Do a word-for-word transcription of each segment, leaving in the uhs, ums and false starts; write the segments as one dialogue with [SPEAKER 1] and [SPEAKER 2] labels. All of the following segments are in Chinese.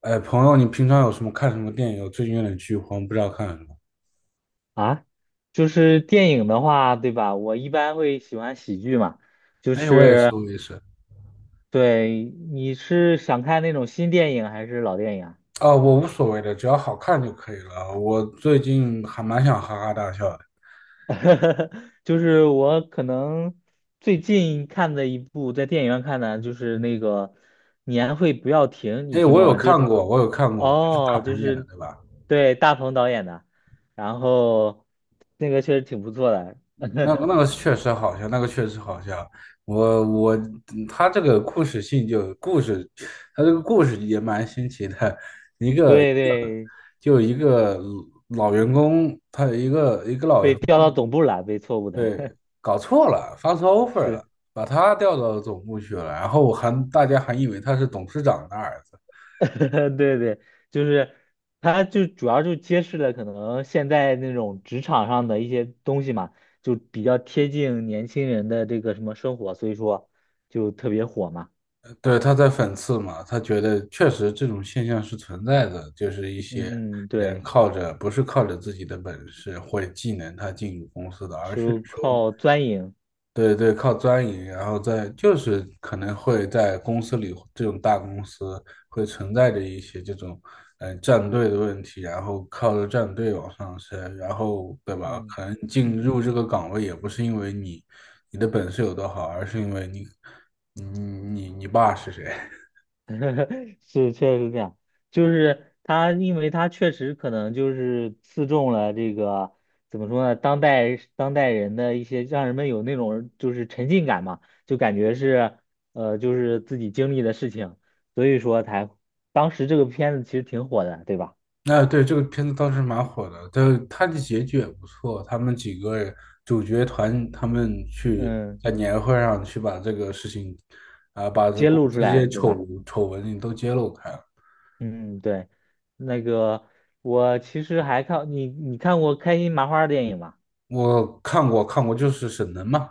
[SPEAKER 1] 哎，朋友，你平常有什么看什么电影？我最近有点剧荒，不知道看什么。
[SPEAKER 2] 啊，就是电影的话，对吧？我一般会喜欢喜剧嘛，就
[SPEAKER 1] 哎，我也是，
[SPEAKER 2] 是
[SPEAKER 1] 我也是。
[SPEAKER 2] 对，你是想看那种新电影还是老电影啊？
[SPEAKER 1] 啊、我无所谓的，只要好看就可以了。我最近还蛮想哈哈大笑的。
[SPEAKER 2] 就是我可能最近看的一部在电影院看的，就是那个《年会不要停》，你
[SPEAKER 1] 哎，
[SPEAKER 2] 听
[SPEAKER 1] 我
[SPEAKER 2] 过
[SPEAKER 1] 有
[SPEAKER 2] 吗？就
[SPEAKER 1] 看过，我有看过，是大
[SPEAKER 2] 哦，就
[SPEAKER 1] 鹏演的，
[SPEAKER 2] 是
[SPEAKER 1] 对吧？
[SPEAKER 2] 对大鹏导演的，然后那个确实挺不错的，
[SPEAKER 1] 那个那 个确实好笑，那个确实好笑。我我他这个故事性就故事，他这个故事也蛮新奇的。一个
[SPEAKER 2] 对对，
[SPEAKER 1] 就一个老员工，他有一个一个老
[SPEAKER 2] 被
[SPEAKER 1] 员。
[SPEAKER 2] 调到总部了，被错误的，
[SPEAKER 1] 对，搞错了，发错 offer 了，
[SPEAKER 2] 是。
[SPEAKER 1] 把他调到总部去了，然后我还大家还以为他是董事长的儿子。
[SPEAKER 2] 对对，就是它就主要就揭示了可能现在那种职场上的一些东西嘛，就比较贴近年轻人的这个什么生活，所以说就特别火嘛。
[SPEAKER 1] 对，他在讽刺嘛，他觉得确实这种现象是存在的，就是一些
[SPEAKER 2] 嗯，嗯
[SPEAKER 1] 人
[SPEAKER 2] 对，
[SPEAKER 1] 靠着不是靠着自己的本事或者技能他进入公司的，而是
[SPEAKER 2] 就
[SPEAKER 1] 说
[SPEAKER 2] 靠钻营。
[SPEAKER 1] 对对，靠钻营，然后在就是可能会在公司里这种大公司会存在着一些这种嗯、呃战队的问题，然后靠着战队往上升，然后对吧？
[SPEAKER 2] 嗯
[SPEAKER 1] 可能进入这个岗位也不是因为你你的本事有多好，而是因为你你你你爸是谁。
[SPEAKER 2] 是，确实是这样。就是他，因为他确实可能就是刺中了这个怎么说呢，当代当代人的一些，让人们有那种就是沉浸感嘛，就感觉是呃，就是自己经历的事情，所以说才当时这个片子其实挺火的，对吧？
[SPEAKER 1] 那对这个片子当时蛮火的，但它的结局也不错。他们几个主角团，他们去
[SPEAKER 2] 嗯，
[SPEAKER 1] 在年会上去把这个事情，啊、把这
[SPEAKER 2] 揭
[SPEAKER 1] 公
[SPEAKER 2] 露出
[SPEAKER 1] 司这些
[SPEAKER 2] 来，对吧？
[SPEAKER 1] 丑丑闻都揭露开了。
[SPEAKER 2] 嗯，对。那个我其实还看你，你看过开心麻花的电影吗？
[SPEAKER 1] 我看过，看过，就是沈腾嘛，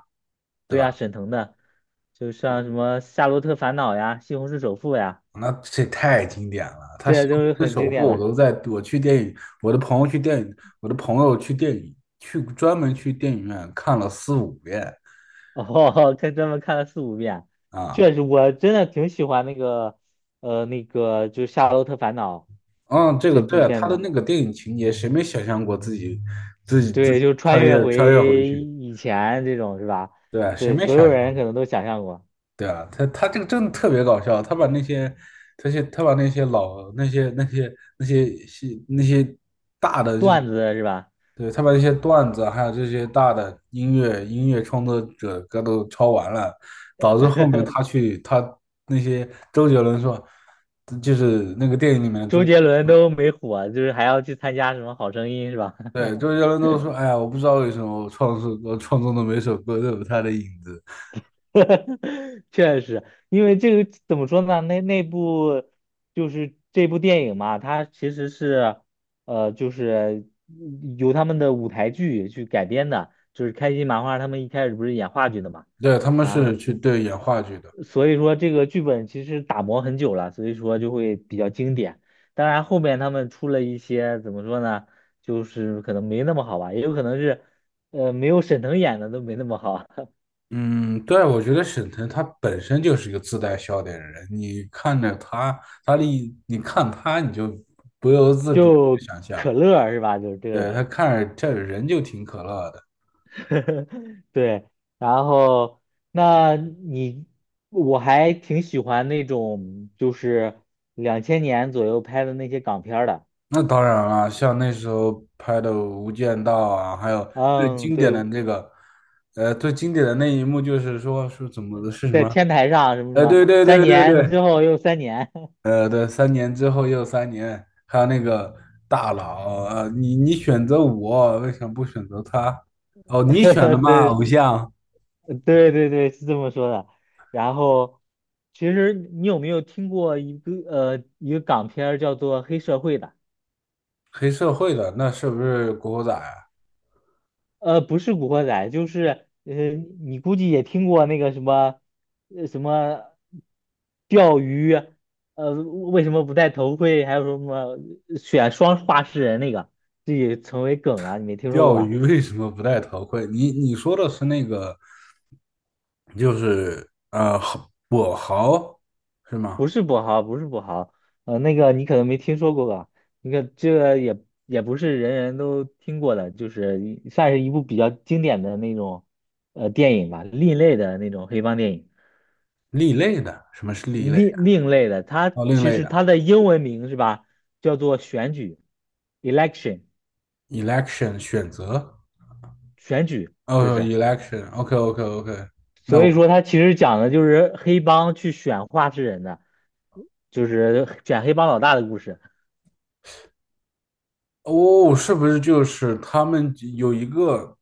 [SPEAKER 1] 对
[SPEAKER 2] 对啊，
[SPEAKER 1] 吧？
[SPEAKER 2] 沈腾的，就像什么《夏洛特烦恼》呀，《西红柿首富》呀，
[SPEAKER 1] 那这太经典了，他
[SPEAKER 2] 这
[SPEAKER 1] 《西
[SPEAKER 2] 些都是
[SPEAKER 1] 虹市
[SPEAKER 2] 很经
[SPEAKER 1] 首富》，
[SPEAKER 2] 典
[SPEAKER 1] 我
[SPEAKER 2] 的。
[SPEAKER 1] 都在，我去电影，我的朋友去电影，我的朋友去电影，去专门去电影院看了四五遍
[SPEAKER 2] 哦，看专门看了四五遍，
[SPEAKER 1] 啊。
[SPEAKER 2] 确实，我真的挺喜欢那个，呃，那个就是《夏洛特烦恼》
[SPEAKER 1] 嗯，这个
[SPEAKER 2] 这
[SPEAKER 1] 对
[SPEAKER 2] 部
[SPEAKER 1] 啊，他
[SPEAKER 2] 片
[SPEAKER 1] 的
[SPEAKER 2] 子。
[SPEAKER 1] 那个电影情节，谁没想象过自己自己自
[SPEAKER 2] 对，
[SPEAKER 1] 己
[SPEAKER 2] 就穿
[SPEAKER 1] 穿
[SPEAKER 2] 越
[SPEAKER 1] 越穿越回
[SPEAKER 2] 回
[SPEAKER 1] 去？
[SPEAKER 2] 以前这种是吧？
[SPEAKER 1] 对啊，谁
[SPEAKER 2] 对，
[SPEAKER 1] 没
[SPEAKER 2] 所有
[SPEAKER 1] 想象？
[SPEAKER 2] 人可能都想象过
[SPEAKER 1] 对啊，他他这个真的特别搞笑，他把那些他些他把那些老那些那些那些戏那些大的这种。
[SPEAKER 2] 段子是吧？
[SPEAKER 1] 对，他把那些段子还有这些大的音乐音乐创作者歌都抄完了，导致后面他去他那些周杰伦说，就是那个电影里面的周。
[SPEAKER 2] 周杰伦都没火，就是还要去参加什么《好声音》是吧？
[SPEAKER 1] 对，周杰伦都说，哎呀，我不知道为什么我创作我创作的每首歌都有他的影子。
[SPEAKER 2] 确实，因为这个怎么说呢？那那部就是这部电影嘛，它其实是呃，就是由他们的舞台剧去改编的，就是开心麻花他们一开始不是演话剧的嘛，
[SPEAKER 1] 对，他们
[SPEAKER 2] 然
[SPEAKER 1] 是
[SPEAKER 2] 后
[SPEAKER 1] 去对演话剧的。
[SPEAKER 2] 所以说这个剧本其实打磨很久了，所以说就会比较经典。当然后面他们出了一些怎么说呢，就是可能没那么好吧，也有可能是呃没有沈腾演的都没那么好，
[SPEAKER 1] 嗯，对，我觉得沈腾他本身就是一个自带笑点的人，你看着他，他的一你看他，你就不由自主地
[SPEAKER 2] 就
[SPEAKER 1] 想象。
[SPEAKER 2] 可乐是吧？就是这个
[SPEAKER 1] 对，
[SPEAKER 2] 人。
[SPEAKER 1] 他看着这人就挺可乐的。
[SPEAKER 2] 对，然后那你我还挺喜欢那种就是两千年左右拍的那些港片儿的，
[SPEAKER 1] 那当然了，像那时候拍的《无间道》啊，还有最
[SPEAKER 2] 嗯，
[SPEAKER 1] 经典
[SPEAKER 2] 对，
[SPEAKER 1] 的那个，呃，最经典的那一幕就是说是怎么的，是什
[SPEAKER 2] 在
[SPEAKER 1] 么？
[SPEAKER 2] 天台上什么什
[SPEAKER 1] 哎，
[SPEAKER 2] 么，
[SPEAKER 1] 对对
[SPEAKER 2] 三
[SPEAKER 1] 对对
[SPEAKER 2] 年
[SPEAKER 1] 对。
[SPEAKER 2] 之后又三年，
[SPEAKER 1] 呃，对，三年之后又三年，还有那个大佬，啊，你你选择我，为什么不选择他？哦，你选的 嘛，
[SPEAKER 2] 对
[SPEAKER 1] 偶像。
[SPEAKER 2] 对对对，是这么说的。然后其实你有没有听过一个呃一个港片儿叫做《黑社会》的？
[SPEAKER 1] 黑社会的，那是不是古惑仔啊？
[SPEAKER 2] 呃，不是《古惑仔》，就是呃，你估计也听过那个什么，呃，什么钓鱼，呃，为什么不戴头盔？还有什么选双话事人那个，这也成为梗了，你没听说过
[SPEAKER 1] 钓
[SPEAKER 2] 吧？
[SPEAKER 1] 鱼为什么不戴头盔？你你说的是那个，就是呃，跛豪是吗？
[SPEAKER 2] 不是跛豪，不是跛豪，呃，那个你可能没听说过吧？那个这个也也不是人人都听过的，就是一算是一部比较经典的那种呃电影吧，另类的那种黑帮电影。
[SPEAKER 1] 另类的，什么是另类的？
[SPEAKER 2] 另另类的，它
[SPEAKER 1] 哦，另
[SPEAKER 2] 其
[SPEAKER 1] 类
[SPEAKER 2] 实
[SPEAKER 1] 的
[SPEAKER 2] 它的英文名是吧，叫做选举 （election）
[SPEAKER 1] ，election 选择。
[SPEAKER 2] 选举，就
[SPEAKER 1] 哦
[SPEAKER 2] 是
[SPEAKER 1] ，election，OK OK OK，那
[SPEAKER 2] 所以
[SPEAKER 1] 我。
[SPEAKER 2] 说它其实讲的就是黑帮去选话事人的，就是选黑帮老大的故事，
[SPEAKER 1] 哦，是不是就是他们有一个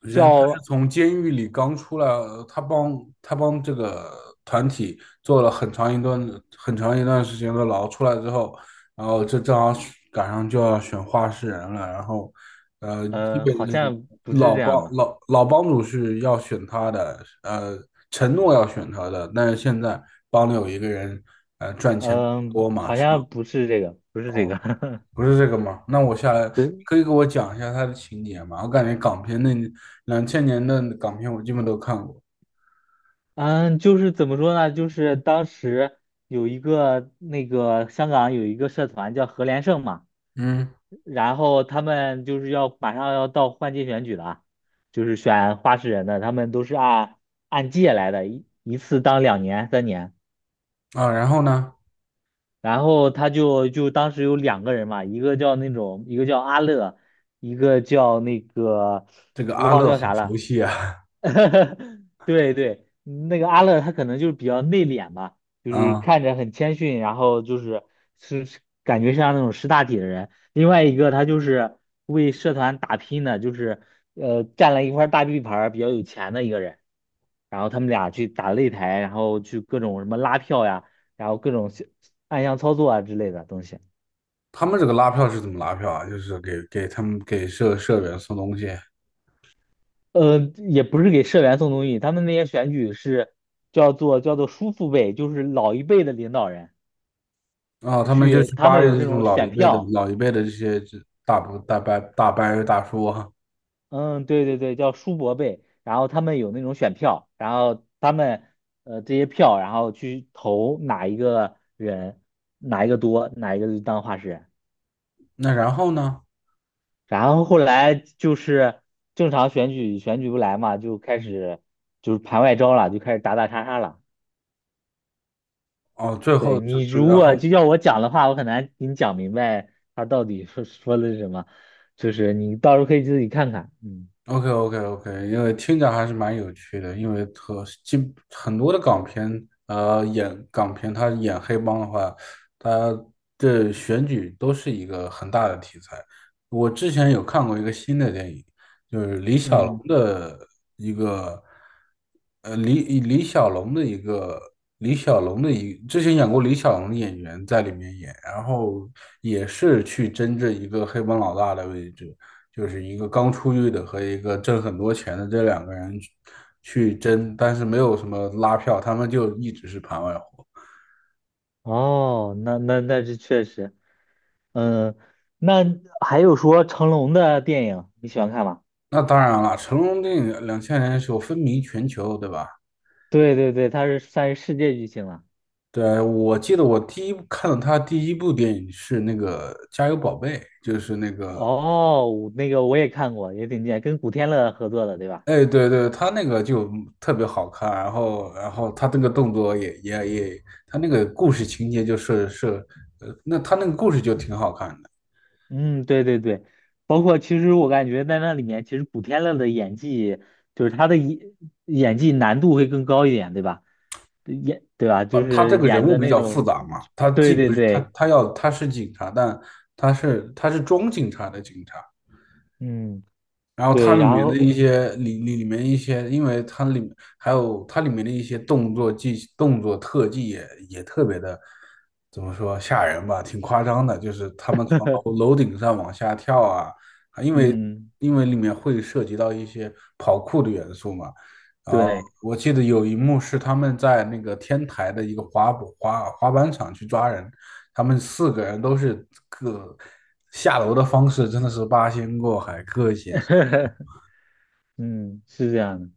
[SPEAKER 1] 人他是
[SPEAKER 2] 叫
[SPEAKER 1] 从监狱里刚出来，呃他帮他帮这个团体做了很长一段很长一段时间的牢，出来之后，然后这正好赶上就要选话事人了，然后，呃，基
[SPEAKER 2] 呃
[SPEAKER 1] 本
[SPEAKER 2] 好
[SPEAKER 1] 是
[SPEAKER 2] 像不是
[SPEAKER 1] 老
[SPEAKER 2] 这
[SPEAKER 1] 帮
[SPEAKER 2] 样的吧，
[SPEAKER 1] 老老帮主是要选他的，呃，承诺要选他的，但是现在帮里有一个人，呃，赚钱比较
[SPEAKER 2] 嗯、
[SPEAKER 1] 多嘛，
[SPEAKER 2] 好
[SPEAKER 1] 是吧？
[SPEAKER 2] 像不是这个，不是这
[SPEAKER 1] 哦，
[SPEAKER 2] 个，
[SPEAKER 1] 不是这个吗？那我下来
[SPEAKER 2] 对，
[SPEAKER 1] 可以给我讲一下它的情节吗？我感觉港片那两千年的港片我基本都看过。
[SPEAKER 2] 嗯，就是怎么说呢，就是当时有一个那个香港有一个社团叫何连胜嘛。
[SPEAKER 1] 嗯
[SPEAKER 2] 然后他们就是要马上要到换届选举了啊，就是选话事人的，他们都是按按届来的，一一次当两年、三年。
[SPEAKER 1] 啊，然后呢，
[SPEAKER 2] 然后他就就当时有两个人嘛，一个叫那种，一个叫阿乐，一个叫那个
[SPEAKER 1] 这个
[SPEAKER 2] 我
[SPEAKER 1] 阿
[SPEAKER 2] 忘了
[SPEAKER 1] 乐
[SPEAKER 2] 叫
[SPEAKER 1] 好
[SPEAKER 2] 啥
[SPEAKER 1] 熟
[SPEAKER 2] 了，
[SPEAKER 1] 悉啊。
[SPEAKER 2] 对对，那个阿乐他可能就是比较内敛吧，就是
[SPEAKER 1] 啊，
[SPEAKER 2] 看着很谦逊，然后就是是是感觉像那种识大体的人。另外一个他就是为社团打拼的，就是呃占了一块大地盘儿，比较有钱的一个人。然后他们俩去打擂台，然后去各种什么拉票呀，然后各种小暗箱操作啊之类的东西。
[SPEAKER 1] 他们这个拉票是怎么拉票啊？就是给给他们给社社员送东西，
[SPEAKER 2] 呃，也不是给社员送东西，他们那些选举是叫做叫做叔父辈，就是老一辈的领导人。
[SPEAKER 1] 然后他们就
[SPEAKER 2] 去，
[SPEAKER 1] 去
[SPEAKER 2] 他
[SPEAKER 1] 巴
[SPEAKER 2] 们
[SPEAKER 1] 结
[SPEAKER 2] 有这
[SPEAKER 1] 这种
[SPEAKER 2] 种
[SPEAKER 1] 老一
[SPEAKER 2] 选
[SPEAKER 1] 辈的
[SPEAKER 2] 票，
[SPEAKER 1] 老一辈的这些这大伯大伯大伯大叔啊。
[SPEAKER 2] 嗯，对对对，叫书伯贝，然后他们有那种选票，然后他们呃这些票，然后去投哪一个人，哪一个多，哪一个就当画师人，
[SPEAKER 1] 那然后呢？
[SPEAKER 2] 然后后来就是正常选举选举不来嘛，就开始就是盘外招了，就开始打打杀杀了。
[SPEAKER 1] 哦，最后
[SPEAKER 2] 对
[SPEAKER 1] 就
[SPEAKER 2] 你
[SPEAKER 1] 就
[SPEAKER 2] 如
[SPEAKER 1] 然
[SPEAKER 2] 果
[SPEAKER 1] 后
[SPEAKER 2] 就要我讲的话，我很难给你讲明白他到底说说的是什么，就是你到时候可以自己看看，嗯。
[SPEAKER 1] OK OK OK，因为听着还是蛮有趣的，因为和基很多的港片，呃，演港片，他演黑帮的话，他的选举都是一个很大的题材。我之前有看过一个新的电影，就是李小龙
[SPEAKER 2] 嗯
[SPEAKER 1] 的一个，呃，李李小龙的一个李小龙的一之前演过李小龙的演员在里面演，然后也是去争这一个黑帮老大的位置。就是一个刚出狱的和一个挣很多钱的这两个人去争，但是没有什么拉票，他们就一直是盘外活。
[SPEAKER 2] 哦，那那那是确实，嗯，那还有说成龙的电影你喜欢看吗？
[SPEAKER 1] 那当然了，成龙电影两千年的时候风靡全球，对吧？
[SPEAKER 2] 对对对，他是算是世界巨星了。
[SPEAKER 1] 对啊，我记得我第一看到他第一部电影是那个《加油宝贝》，就是那个，
[SPEAKER 2] 哦，我那个我也看过，也挺经典，跟古天乐合作的，对吧？
[SPEAKER 1] 哎，对对，他那个就特别好看，然后然后他那个动作也也也，他那个故事情节就是是，呃，那他那个故事就挺好看的。
[SPEAKER 2] 嗯，对对对，包括其实我感觉在那里面，其实古天乐的演技，就是他的演演技难度会更高一点，对吧？演对吧？
[SPEAKER 1] 他
[SPEAKER 2] 就
[SPEAKER 1] 他这
[SPEAKER 2] 是
[SPEAKER 1] 个人
[SPEAKER 2] 演
[SPEAKER 1] 物
[SPEAKER 2] 的
[SPEAKER 1] 比
[SPEAKER 2] 那
[SPEAKER 1] 较复
[SPEAKER 2] 种，
[SPEAKER 1] 杂嘛，他既
[SPEAKER 2] 对对
[SPEAKER 1] 不是他
[SPEAKER 2] 对，
[SPEAKER 1] 他要他是警察，但他是他是装警察的警察，
[SPEAKER 2] 嗯，
[SPEAKER 1] 然后它
[SPEAKER 2] 对，
[SPEAKER 1] 里
[SPEAKER 2] 然
[SPEAKER 1] 面的
[SPEAKER 2] 后
[SPEAKER 1] 一些里里里面一些，因为它里面还有它里面的一些动作技动作特技也也特别的，怎么说吓人吧，挺夸张的，就是他们从楼楼顶上往下跳啊，啊因为
[SPEAKER 2] 嗯，
[SPEAKER 1] 因为里面会涉及到一些跑酷的元素嘛，然后
[SPEAKER 2] 对。
[SPEAKER 1] 我记得有一幕是他们在那个天台的一个滑步滑滑板场去抓人，他们四个人都是各下楼的方式真的是八仙过海，各显
[SPEAKER 2] 嗯，是这样的，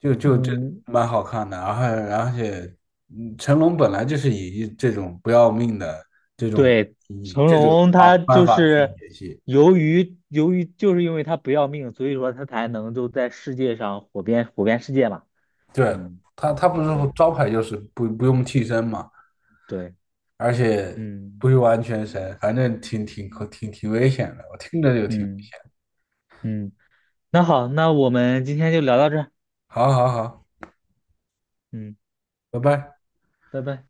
[SPEAKER 1] 就就这
[SPEAKER 2] 嗯，
[SPEAKER 1] 蛮好看的，然后而且，嗯，成龙本来就是以这种不要命的这种
[SPEAKER 2] 对，
[SPEAKER 1] 以
[SPEAKER 2] 成
[SPEAKER 1] 这种
[SPEAKER 2] 龙
[SPEAKER 1] 方
[SPEAKER 2] 他
[SPEAKER 1] 方
[SPEAKER 2] 就
[SPEAKER 1] 法去
[SPEAKER 2] 是
[SPEAKER 1] 演戏。
[SPEAKER 2] 由于由于就是因为他不要命，所以说他才能就在世界上火遍火遍世界嘛。
[SPEAKER 1] 对，
[SPEAKER 2] 嗯，
[SPEAKER 1] 他他不是
[SPEAKER 2] 对
[SPEAKER 1] 招牌就是不不用替身嘛，
[SPEAKER 2] 对，
[SPEAKER 1] 而且
[SPEAKER 2] 嗯
[SPEAKER 1] 不用安全绳，反正挺挺
[SPEAKER 2] 嗯，
[SPEAKER 1] 挺挺危险的，我听着就挺
[SPEAKER 2] 嗯嗯那好，那我们今天就聊到这儿
[SPEAKER 1] 好。好好，
[SPEAKER 2] 嗯，
[SPEAKER 1] 拜拜。
[SPEAKER 2] 拜拜。